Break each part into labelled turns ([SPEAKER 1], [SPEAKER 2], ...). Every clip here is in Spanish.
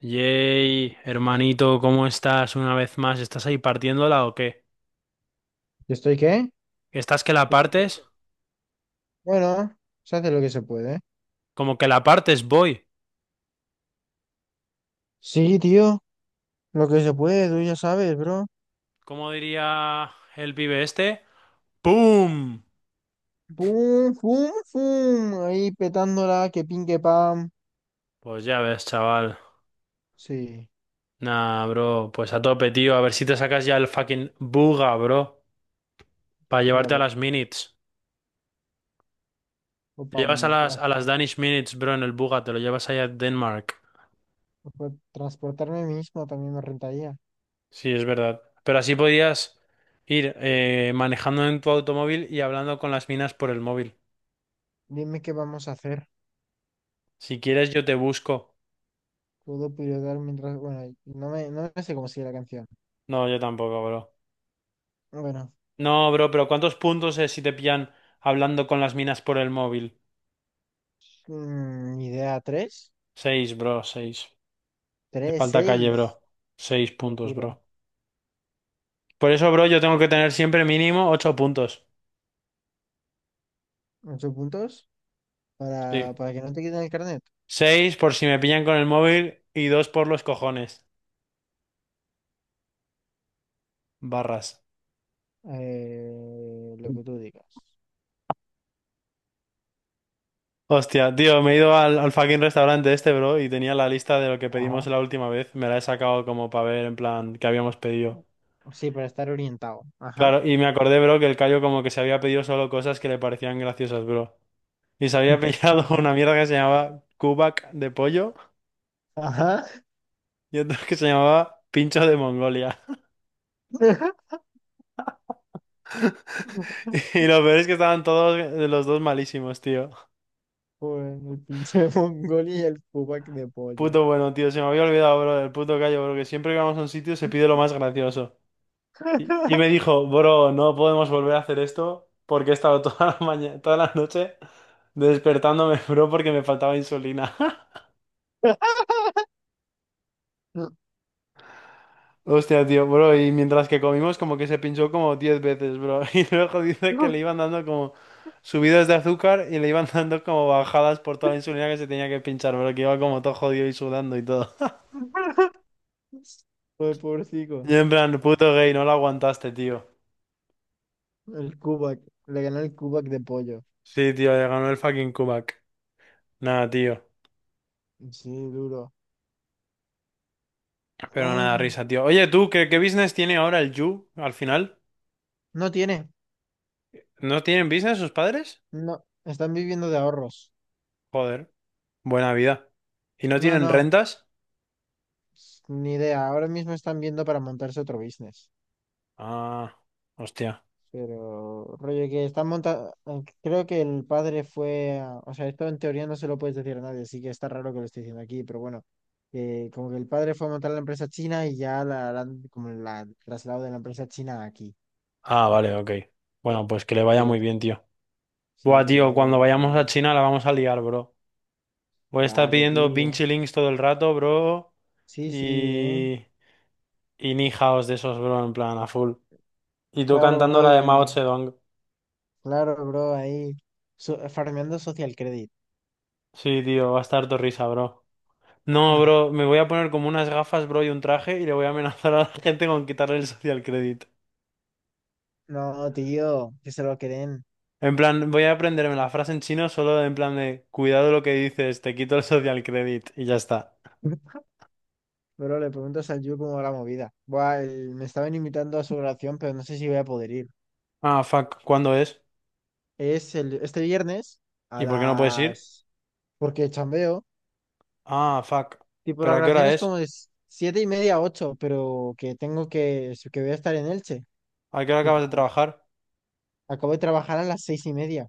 [SPEAKER 1] Yay, hermanito, ¿cómo estás una vez más? ¿Estás ahí partiéndola o qué?
[SPEAKER 2] ¿Yo estoy qué?
[SPEAKER 1] ¿Estás que la partes?
[SPEAKER 2] Bueno, se hace lo que se puede.
[SPEAKER 1] Como que la partes, voy.
[SPEAKER 2] Sí, tío, lo que se puede, tú ya sabes, bro.
[SPEAKER 1] ¿Cómo diría el pibe este? ¡Pum!
[SPEAKER 2] ¡Pum, pum, pum! Ahí petándola, que pin, que pam.
[SPEAKER 1] Pues ya ves, chaval.
[SPEAKER 2] Sí,
[SPEAKER 1] Nah, bro, pues a tope, tío. A ver si te sacas ya el fucking buga, bro. Para
[SPEAKER 2] ya
[SPEAKER 1] llevarte a
[SPEAKER 2] ves.
[SPEAKER 1] las minutes.
[SPEAKER 2] O
[SPEAKER 1] Te
[SPEAKER 2] pam,
[SPEAKER 1] llevas a las
[SPEAKER 2] transpor-
[SPEAKER 1] Danish minutes, bro, en el buga. Te lo llevas allá a Denmark.
[SPEAKER 2] o pa- Transportarme mismo también me rentaría.
[SPEAKER 1] Sí, es verdad. Pero así podías ir manejando en tu automóvil y hablando con las minas por el móvil.
[SPEAKER 2] Dime qué vamos a hacer.
[SPEAKER 1] Si quieres, yo te busco.
[SPEAKER 2] Puedo pilotar mientras. Bueno, no me sé cómo sigue la canción.
[SPEAKER 1] No, yo tampoco, bro.
[SPEAKER 2] Bueno,
[SPEAKER 1] No, bro, pero ¿cuántos puntos es si te pillan hablando con las minas por el móvil?
[SPEAKER 2] idea tres,
[SPEAKER 1] Seis, bro, seis. Te
[SPEAKER 2] tres,
[SPEAKER 1] falta calle, bro.
[SPEAKER 2] seis.
[SPEAKER 1] 6 puntos, bro.
[SPEAKER 2] Locura.
[SPEAKER 1] Por eso, bro, yo tengo que tener siempre mínimo 8 puntos.
[SPEAKER 2] ¿8 puntos?
[SPEAKER 1] Sí.
[SPEAKER 2] Para que no te quiten el carnet.
[SPEAKER 1] Seis por si me pillan con el móvil y dos por los cojones. Barras.
[SPEAKER 2] Lo que tú digas.
[SPEAKER 1] Hostia, tío, me he ido al fucking restaurante este, bro, y tenía la lista de lo que pedimos
[SPEAKER 2] Ajá.
[SPEAKER 1] la última vez. Me la he sacado como para ver, en plan, qué habíamos pedido.
[SPEAKER 2] Sí, para estar orientado. Ajá.
[SPEAKER 1] Claro, y me acordé, bro, que el Cayo como que se había pedido solo cosas que le parecían graciosas, bro. Y se había pillado
[SPEAKER 2] Ajá.
[SPEAKER 1] una mierda que se llamaba kubak de pollo
[SPEAKER 2] Ajá.
[SPEAKER 1] y otra que se llamaba pincho de Mongolia. Y lo peor es que estaban todos los dos malísimos, tío.
[SPEAKER 2] Joder, el pinche mongol y el pupac de pollo.
[SPEAKER 1] Puto bueno, tío, se me había olvidado, bro, del puto Cayo, bro, que siempre que vamos a un sitio se pide lo más gracioso. Y me dijo, bro, no podemos volver a hacer esto porque he estado toda la mañana, toda la noche despertándome, bro, porque me faltaba insulina. Hostia, tío, bro, y mientras que comimos como que se pinchó como 10 veces, bro. Y luego dice que le iban dando como subidas de azúcar y le iban dando como bajadas por toda la insulina que se tenía que pinchar, bro, que iba como todo jodido y sudando y todo.
[SPEAKER 2] Joder, pobrecito.
[SPEAKER 1] Y en plan, puto gay, no lo aguantaste, tío.
[SPEAKER 2] El Kubak. Le ganó el Kubak de pollo.
[SPEAKER 1] Sí, tío, le ganó el fucking Kubak. Nada, tío.
[SPEAKER 2] Sí, duro.
[SPEAKER 1] Pero nada,
[SPEAKER 2] Ay.
[SPEAKER 1] risa, tío. Oye, tú, ¿qué business tiene ahora el Yu al final?
[SPEAKER 2] No tiene.
[SPEAKER 1] ¿No tienen business sus padres?
[SPEAKER 2] No. Están viviendo de ahorros.
[SPEAKER 1] Joder, buena vida. ¿Y no
[SPEAKER 2] No,
[SPEAKER 1] tienen
[SPEAKER 2] no.
[SPEAKER 1] rentas?
[SPEAKER 2] Ni idea. Ahora mismo están viendo para montarse otro business.
[SPEAKER 1] Ah, hostia.
[SPEAKER 2] Pero, rollo que está montado, creo que el padre fue, o sea, esto en teoría no se lo puedes decir a nadie, así que está raro que lo esté diciendo aquí, pero bueno, como que el padre fue a montar la empresa china y ya como la han trasladado de la empresa china aquí.
[SPEAKER 1] Ah, vale, ok. Bueno, pues que le vaya
[SPEAKER 2] Y
[SPEAKER 1] muy
[SPEAKER 2] eso,
[SPEAKER 1] bien, tío.
[SPEAKER 2] sí,
[SPEAKER 1] Buah,
[SPEAKER 2] que le vaya
[SPEAKER 1] tío,
[SPEAKER 2] bien
[SPEAKER 1] cuando
[SPEAKER 2] el
[SPEAKER 1] vayamos a
[SPEAKER 2] colega.
[SPEAKER 1] China la vamos a liar, bro. Voy a estar
[SPEAKER 2] Vale,
[SPEAKER 1] pidiendo
[SPEAKER 2] tío.
[SPEAKER 1] Vinci Links todo el rato, bro.
[SPEAKER 2] Sí, sí, eh.
[SPEAKER 1] Y... Y Ni Haos de esos, bro, en plan, a full. Y tú
[SPEAKER 2] Claro,
[SPEAKER 1] cantando
[SPEAKER 2] bro,
[SPEAKER 1] la de Mao
[SPEAKER 2] y
[SPEAKER 1] Zedong.
[SPEAKER 2] claro, bro, ahí, farmeando social credit.
[SPEAKER 1] Sí, tío, va a estar tu risa, bro. No,
[SPEAKER 2] Ujú.
[SPEAKER 1] bro, me voy a poner como unas gafas, bro, y un traje y le voy a amenazar a la gente con quitarle el social credit.
[SPEAKER 2] No, tío, que se lo creen.
[SPEAKER 1] En plan, voy a aprenderme la frase en chino solo en plan de cuidado lo que dices, te quito el social credit y ya está.
[SPEAKER 2] Pero le pregunto a Sanju cómo va la movida. Buah, me estaban invitando a su oración, pero no sé si voy a poder ir.
[SPEAKER 1] Ah, fuck, ¿cuándo es?
[SPEAKER 2] Es este viernes a
[SPEAKER 1] ¿Y por qué no puedes ir?
[SPEAKER 2] las. Porque chambeo.
[SPEAKER 1] Ah, fuck.
[SPEAKER 2] Tipo,
[SPEAKER 1] ¿Pero
[SPEAKER 2] la
[SPEAKER 1] a qué
[SPEAKER 2] grabación
[SPEAKER 1] hora
[SPEAKER 2] es
[SPEAKER 1] es?
[SPEAKER 2] como de 7:30 a 8:00, pero que tengo que voy a estar en Elche.
[SPEAKER 1] ¿A qué hora acabas de
[SPEAKER 2] Tipo,
[SPEAKER 1] trabajar?
[SPEAKER 2] acabo de trabajar a las 6:30.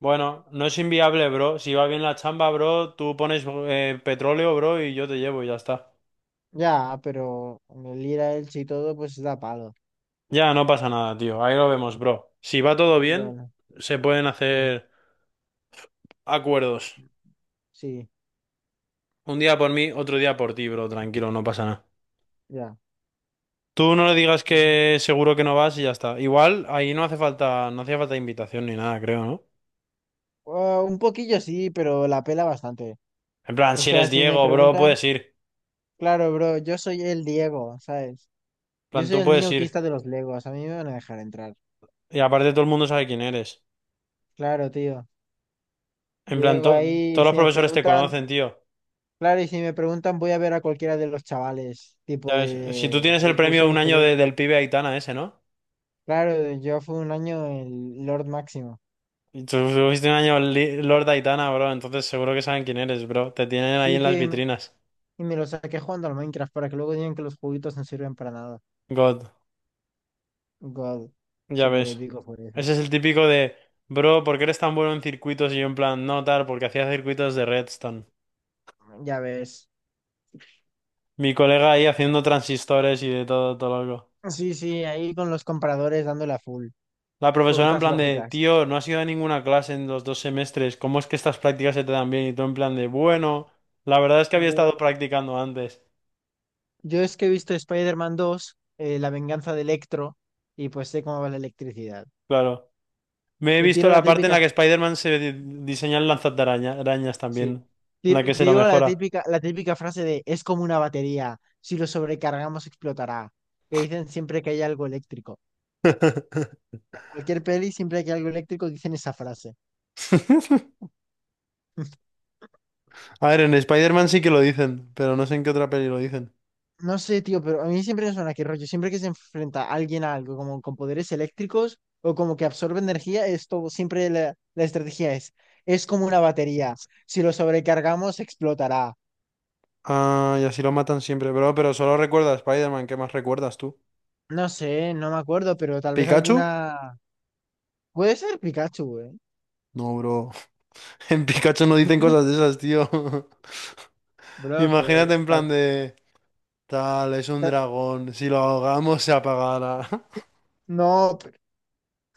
[SPEAKER 1] Bueno, no es inviable, bro. Si va bien la chamba, bro, tú pones petróleo, bro, y yo te llevo y ya está.
[SPEAKER 2] Ya, pero el ir a Elche y todo, pues da palo.
[SPEAKER 1] Ya, no pasa nada, tío. Ahí lo vemos, bro. Si va todo bien,
[SPEAKER 2] Bueno,
[SPEAKER 1] se pueden
[SPEAKER 2] sí,
[SPEAKER 1] hacer acuerdos.
[SPEAKER 2] sí,
[SPEAKER 1] Un día por mí, otro día por ti, bro. Tranquilo, no pasa nada.
[SPEAKER 2] ya.
[SPEAKER 1] Tú no le digas
[SPEAKER 2] Sí.
[SPEAKER 1] que seguro que no vas y ya está. Igual, ahí no hace falta, no hacía falta invitación ni nada, creo, ¿no?
[SPEAKER 2] Ah, un poquillo sí, pero la pela bastante.
[SPEAKER 1] En plan,
[SPEAKER 2] O
[SPEAKER 1] si
[SPEAKER 2] sea,
[SPEAKER 1] eres
[SPEAKER 2] si me
[SPEAKER 1] Diego, bro,
[SPEAKER 2] preguntan...
[SPEAKER 1] puedes ir. En
[SPEAKER 2] Claro, bro, yo soy el Diego, ¿sabes? Yo
[SPEAKER 1] plan,
[SPEAKER 2] soy
[SPEAKER 1] tú
[SPEAKER 2] el niño
[SPEAKER 1] puedes ir.
[SPEAKER 2] autista de los Legos, a mí me van a dejar entrar.
[SPEAKER 1] Y aparte todo el mundo sabe quién eres.
[SPEAKER 2] Claro, tío.
[SPEAKER 1] En plan,
[SPEAKER 2] Llego ahí y
[SPEAKER 1] todos los
[SPEAKER 2] si me
[SPEAKER 1] profesores te
[SPEAKER 2] preguntan,
[SPEAKER 1] conocen, tío.
[SPEAKER 2] claro, y si me preguntan voy a ver a cualquiera de los chavales,
[SPEAKER 1] Ya
[SPEAKER 2] tipo
[SPEAKER 1] ves, si tú
[SPEAKER 2] de
[SPEAKER 1] tienes el
[SPEAKER 2] del
[SPEAKER 1] premio
[SPEAKER 2] curso
[SPEAKER 1] de un año
[SPEAKER 2] inferior.
[SPEAKER 1] del pibe Aitana ese, ¿no?
[SPEAKER 2] Claro, yo fui un año el Lord Máximo.
[SPEAKER 1] Y tú tuviste un año Lord Aitana, bro, entonces seguro que saben quién eres, bro. Te tienen ahí
[SPEAKER 2] Sí,
[SPEAKER 1] en las
[SPEAKER 2] tío,
[SPEAKER 1] vitrinas.
[SPEAKER 2] y me lo saqué jugando al Minecraft para que luego digan que los juguitos no sirven para nada.
[SPEAKER 1] God,
[SPEAKER 2] God,
[SPEAKER 1] ya
[SPEAKER 2] súper
[SPEAKER 1] ves.
[SPEAKER 2] épico por eso.
[SPEAKER 1] Ese es el típico de, bro, ¿por qué eres tan bueno en circuitos? Y yo en plan, no, tal, porque hacía circuitos de Redstone.
[SPEAKER 2] Ya ves.
[SPEAKER 1] Mi colega ahí haciendo transistores y de todo, todo loco.
[SPEAKER 2] Sí, sí, ahí con los compradores dándole a full.
[SPEAKER 1] La profesora en
[SPEAKER 2] Puertas
[SPEAKER 1] plan de,
[SPEAKER 2] lógicas.
[SPEAKER 1] tío, no has ido a ninguna clase en los 2 semestres, ¿cómo es que estas prácticas se te dan bien? Y tú en plan de, bueno, la verdad es que había estado practicando antes.
[SPEAKER 2] Yo es que he visto Spider-Man 2, La venganza de Electro, y pues sé cómo va la electricidad.
[SPEAKER 1] Claro. Me he
[SPEAKER 2] Y
[SPEAKER 1] visto
[SPEAKER 2] tiro la
[SPEAKER 1] la parte en la
[SPEAKER 2] típica,
[SPEAKER 1] que Spider-Man diseña el araña arañas
[SPEAKER 2] sí,
[SPEAKER 1] también, en la que se lo
[SPEAKER 2] Digo
[SPEAKER 1] mejora.
[SPEAKER 2] la típica frase de es como una batería, si lo sobrecargamos explotará, que dicen siempre que hay algo eléctrico. En cualquier peli, siempre que hay algo eléctrico, dicen esa frase.
[SPEAKER 1] A ver, en Spider-Man sí que lo dicen, pero no sé en qué otra peli lo dicen.
[SPEAKER 2] No sé, tío, pero a mí siempre me suena que rollo, siempre que se enfrenta alguien a algo, como con poderes eléctricos o como que absorbe energía, esto siempre la estrategia es como una batería, si lo sobrecargamos explotará.
[SPEAKER 1] Ah, y así lo matan siempre, bro, pero solo recuerda a Spider-Man, ¿qué más recuerdas tú?
[SPEAKER 2] No sé, no me acuerdo, pero tal vez
[SPEAKER 1] ¿Pikachu?
[SPEAKER 2] alguna. Puede ser Pikachu, güey.
[SPEAKER 1] No, bro. En Pikachu no dicen cosas de esas, tío.
[SPEAKER 2] Bro,
[SPEAKER 1] Imagínate
[SPEAKER 2] pero.
[SPEAKER 1] en plan de. Tal, es un
[SPEAKER 2] Tal-
[SPEAKER 1] dragón. Si lo ahogamos, se apagará.
[SPEAKER 2] No,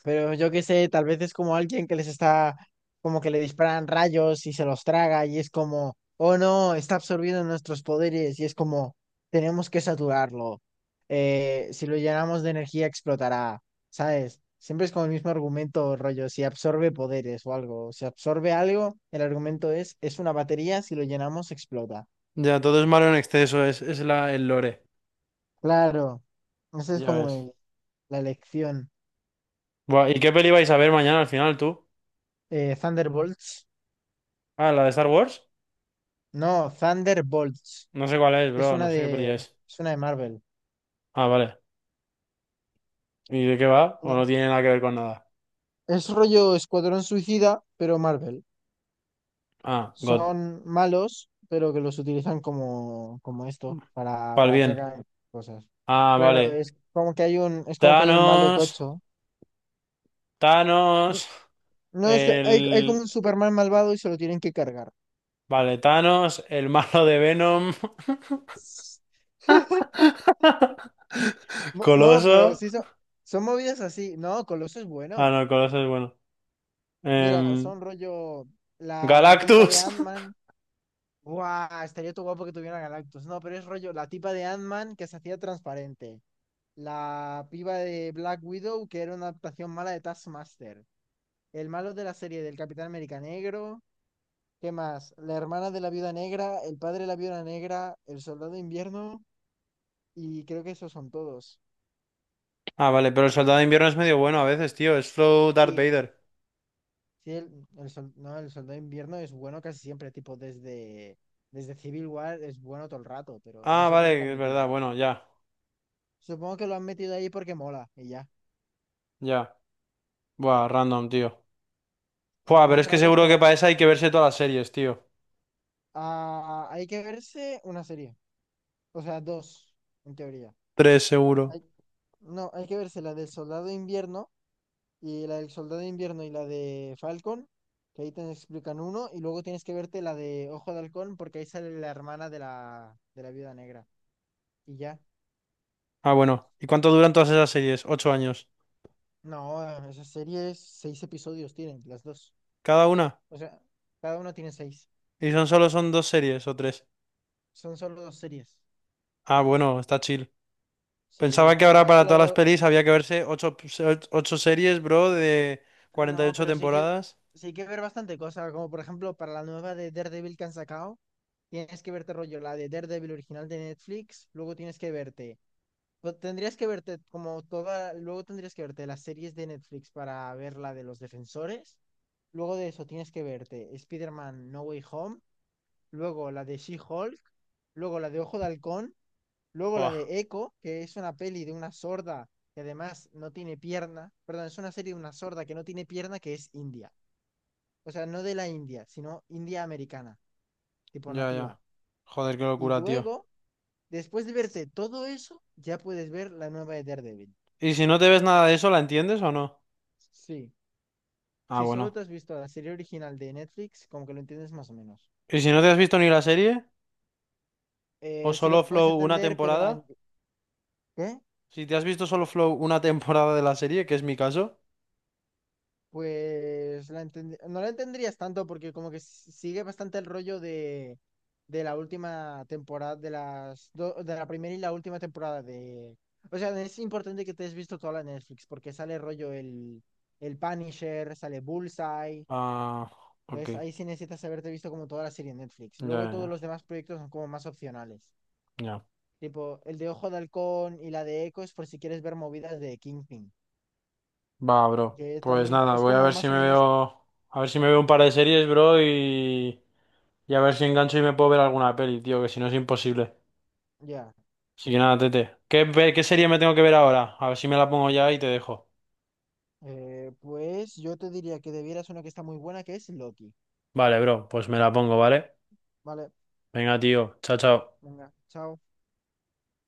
[SPEAKER 2] pero yo qué sé, tal vez es como alguien que les está, como que le disparan rayos y se los traga y es como, oh no, está absorbiendo nuestros poderes y es como, tenemos que saturarlo. Si lo llenamos de energía explotará, ¿sabes? Siempre es como el mismo argumento, rollo, si absorbe poderes o algo, si absorbe algo, el argumento es una batería, si lo llenamos explota.
[SPEAKER 1] Ya, todo es malo en exceso, es la, el lore.
[SPEAKER 2] Claro, esa es
[SPEAKER 1] Ya
[SPEAKER 2] como
[SPEAKER 1] ves.
[SPEAKER 2] la lección.
[SPEAKER 1] Buah, ¿y qué peli vais a ver mañana al final, tú?
[SPEAKER 2] Thunderbolts.
[SPEAKER 1] Ah, ¿la de Star Wars?
[SPEAKER 2] No, Thunderbolts.
[SPEAKER 1] No sé cuál es,
[SPEAKER 2] Es
[SPEAKER 1] bro,
[SPEAKER 2] una
[SPEAKER 1] no sé qué peli
[SPEAKER 2] de,
[SPEAKER 1] es.
[SPEAKER 2] es una de Marvel.
[SPEAKER 1] Ah, vale. ¿Y de qué va? ¿O
[SPEAKER 2] Una-
[SPEAKER 1] no tiene nada que ver con nada?
[SPEAKER 2] Es rollo Escuadrón Suicida, pero Marvel.
[SPEAKER 1] Ah, God.
[SPEAKER 2] Son malos, pero que los utilizan como, como esto,
[SPEAKER 1] Pal
[SPEAKER 2] para que
[SPEAKER 1] bien.
[SPEAKER 2] hagan cosas.
[SPEAKER 1] Ah,
[SPEAKER 2] Claro,
[SPEAKER 1] vale.
[SPEAKER 2] es como que hay un, es como que hay un malo
[SPEAKER 1] Thanos.
[SPEAKER 2] tocho.
[SPEAKER 1] Thanos.
[SPEAKER 2] No, es que hay como
[SPEAKER 1] El.
[SPEAKER 2] un Superman malvado y se lo tienen que cargar.
[SPEAKER 1] Vale, Thanos, el malo de Venom.
[SPEAKER 2] No, pero
[SPEAKER 1] Coloso.
[SPEAKER 2] sí son, son movidas así. No, Coloso es
[SPEAKER 1] Ah,
[SPEAKER 2] bueno.
[SPEAKER 1] no, Coloso es bueno.
[SPEAKER 2] Mira,
[SPEAKER 1] Em,
[SPEAKER 2] son rollo la, la tipa de
[SPEAKER 1] Galactus.
[SPEAKER 2] Ant-Man. Guau, estaría todo guapo que tuviera Galactus. No, pero es rollo, la tipa de Ant-Man que se hacía transparente. La piba de Black Widow que era una adaptación mala de Taskmaster. El malo de la serie del Capitán América Negro. ¿Qué más? La hermana de la Viuda Negra, el padre de la Viuda Negra, el Soldado de Invierno y creo que esos son todos.
[SPEAKER 1] Ah, vale, pero el soldado de invierno es medio bueno a veces, tío. Es Flow Darth
[SPEAKER 2] Sí.
[SPEAKER 1] Vader.
[SPEAKER 2] Sí, el, no, el Soldado de Invierno es bueno casi siempre, tipo desde, desde Civil War es bueno todo el rato, pero no
[SPEAKER 1] Ah,
[SPEAKER 2] sé por qué lo
[SPEAKER 1] vale,
[SPEAKER 2] han
[SPEAKER 1] es
[SPEAKER 2] metido
[SPEAKER 1] verdad.
[SPEAKER 2] ahí.
[SPEAKER 1] Bueno, ya,
[SPEAKER 2] Supongo que lo han metido ahí porque mola y ya.
[SPEAKER 1] ya. Buah, random, tío.
[SPEAKER 2] Y lo
[SPEAKER 1] Buah, pero
[SPEAKER 2] más
[SPEAKER 1] es que
[SPEAKER 2] raro es
[SPEAKER 1] seguro
[SPEAKER 2] que
[SPEAKER 1] que
[SPEAKER 2] la
[SPEAKER 1] para
[SPEAKER 2] peli...
[SPEAKER 1] esa hay que verse todas las series, tío.
[SPEAKER 2] Ah, hay que verse una serie. O sea, dos, en teoría.
[SPEAKER 1] Tres, seguro.
[SPEAKER 2] Hay- No, hay que verse la del Soldado de Invierno y la del Soldado de Invierno y la de Falcon, que ahí te explican uno, y luego tienes que verte la de Ojo de Halcón porque ahí sale la hermana de la Viuda Negra. Y ya.
[SPEAKER 1] Ah, bueno. ¿Y cuánto duran todas esas series? 8 años.
[SPEAKER 2] No, esas series, seis episodios tienen, las dos.
[SPEAKER 1] ¿Cada una?
[SPEAKER 2] O sea, cada uno tiene seis.
[SPEAKER 1] ¿Y son solo son dos series o tres?
[SPEAKER 2] Son solo dos series.
[SPEAKER 1] Ah, bueno, está chill. Pensaba
[SPEAKER 2] Sí,
[SPEAKER 1] que ahora
[SPEAKER 2] además que
[SPEAKER 1] para
[SPEAKER 2] la
[SPEAKER 1] todas las
[SPEAKER 2] de...
[SPEAKER 1] pelis había que verse ocho series, bro, de cuarenta y
[SPEAKER 2] No,
[SPEAKER 1] ocho
[SPEAKER 2] pero sí que
[SPEAKER 1] temporadas.
[SPEAKER 2] sí hay que ver bastante cosas, como por ejemplo para la nueva de Daredevil que han sacado, tienes que verte rollo la de Daredevil original de Netflix, luego tienes que verte, pues, tendrías que verte como toda, luego tendrías que verte las series de Netflix para ver la de los Defensores, luego de eso tienes que verte Spider-Man No Way Home, luego la de She-Hulk, luego la de Ojo de Halcón, luego la
[SPEAKER 1] Buah,
[SPEAKER 2] de Echo, que es una peli de una sorda que además no tiene pierna, perdón, es una serie de una sorda que no tiene pierna que es india, o sea, no de la India, sino India americana, tipo
[SPEAKER 1] ya,
[SPEAKER 2] nativa.
[SPEAKER 1] ya. Joder, qué
[SPEAKER 2] Y
[SPEAKER 1] locura, tío.
[SPEAKER 2] luego, después de verte todo eso, ya puedes ver la nueva de Daredevil.
[SPEAKER 1] ¿Y si no te ves nada de eso, la entiendes o no?
[SPEAKER 2] Sí,
[SPEAKER 1] Ah,
[SPEAKER 2] si solo
[SPEAKER 1] bueno.
[SPEAKER 2] te has visto la serie original de Netflix, como que lo entiendes más o menos.
[SPEAKER 1] Y si no te has visto ni la serie, o
[SPEAKER 2] Sí lo
[SPEAKER 1] solo
[SPEAKER 2] puedes
[SPEAKER 1] Flow una
[SPEAKER 2] entender, pero
[SPEAKER 1] temporada,
[SPEAKER 2] la... ¿Qué?
[SPEAKER 1] si te has visto solo Flow una temporada de la serie, que es mi caso,
[SPEAKER 2] Pues la no la entenderías tanto porque como que sigue bastante el rollo de la última temporada, de las de la primera y la última temporada de... O sea, es importante que te hayas visto toda la Netflix porque sale rollo el Punisher, sale Bullseye.
[SPEAKER 1] ah, ok,
[SPEAKER 2] Entonces ahí sí necesitas haberte visto como toda la serie en Netflix.
[SPEAKER 1] ya,
[SPEAKER 2] Luego
[SPEAKER 1] ya,
[SPEAKER 2] todos
[SPEAKER 1] ya,
[SPEAKER 2] los demás proyectos son como más opcionales.
[SPEAKER 1] ya.
[SPEAKER 2] Tipo, el de Ojo de Halcón y la de Echo es por si quieres ver movidas de Kingpin.
[SPEAKER 1] Va, bro.
[SPEAKER 2] Que
[SPEAKER 1] Pues
[SPEAKER 2] también
[SPEAKER 1] nada,
[SPEAKER 2] es
[SPEAKER 1] voy a
[SPEAKER 2] como
[SPEAKER 1] ver si
[SPEAKER 2] más o
[SPEAKER 1] me
[SPEAKER 2] menos,
[SPEAKER 1] veo, a ver si me veo un par de series, bro, y a ver si engancho y me puedo ver alguna peli, tío, que si no es imposible.
[SPEAKER 2] ya.
[SPEAKER 1] Así que nada, tete. ¿Qué, qué serie me tengo que ver ahora? A ver si me la pongo ya y te dejo.
[SPEAKER 2] Pues yo te diría que debieras una que está muy buena, que es Loki.
[SPEAKER 1] Vale, bro, pues me la pongo, ¿vale?
[SPEAKER 2] Vale,
[SPEAKER 1] Venga, tío, chao, chao.
[SPEAKER 2] venga, chao.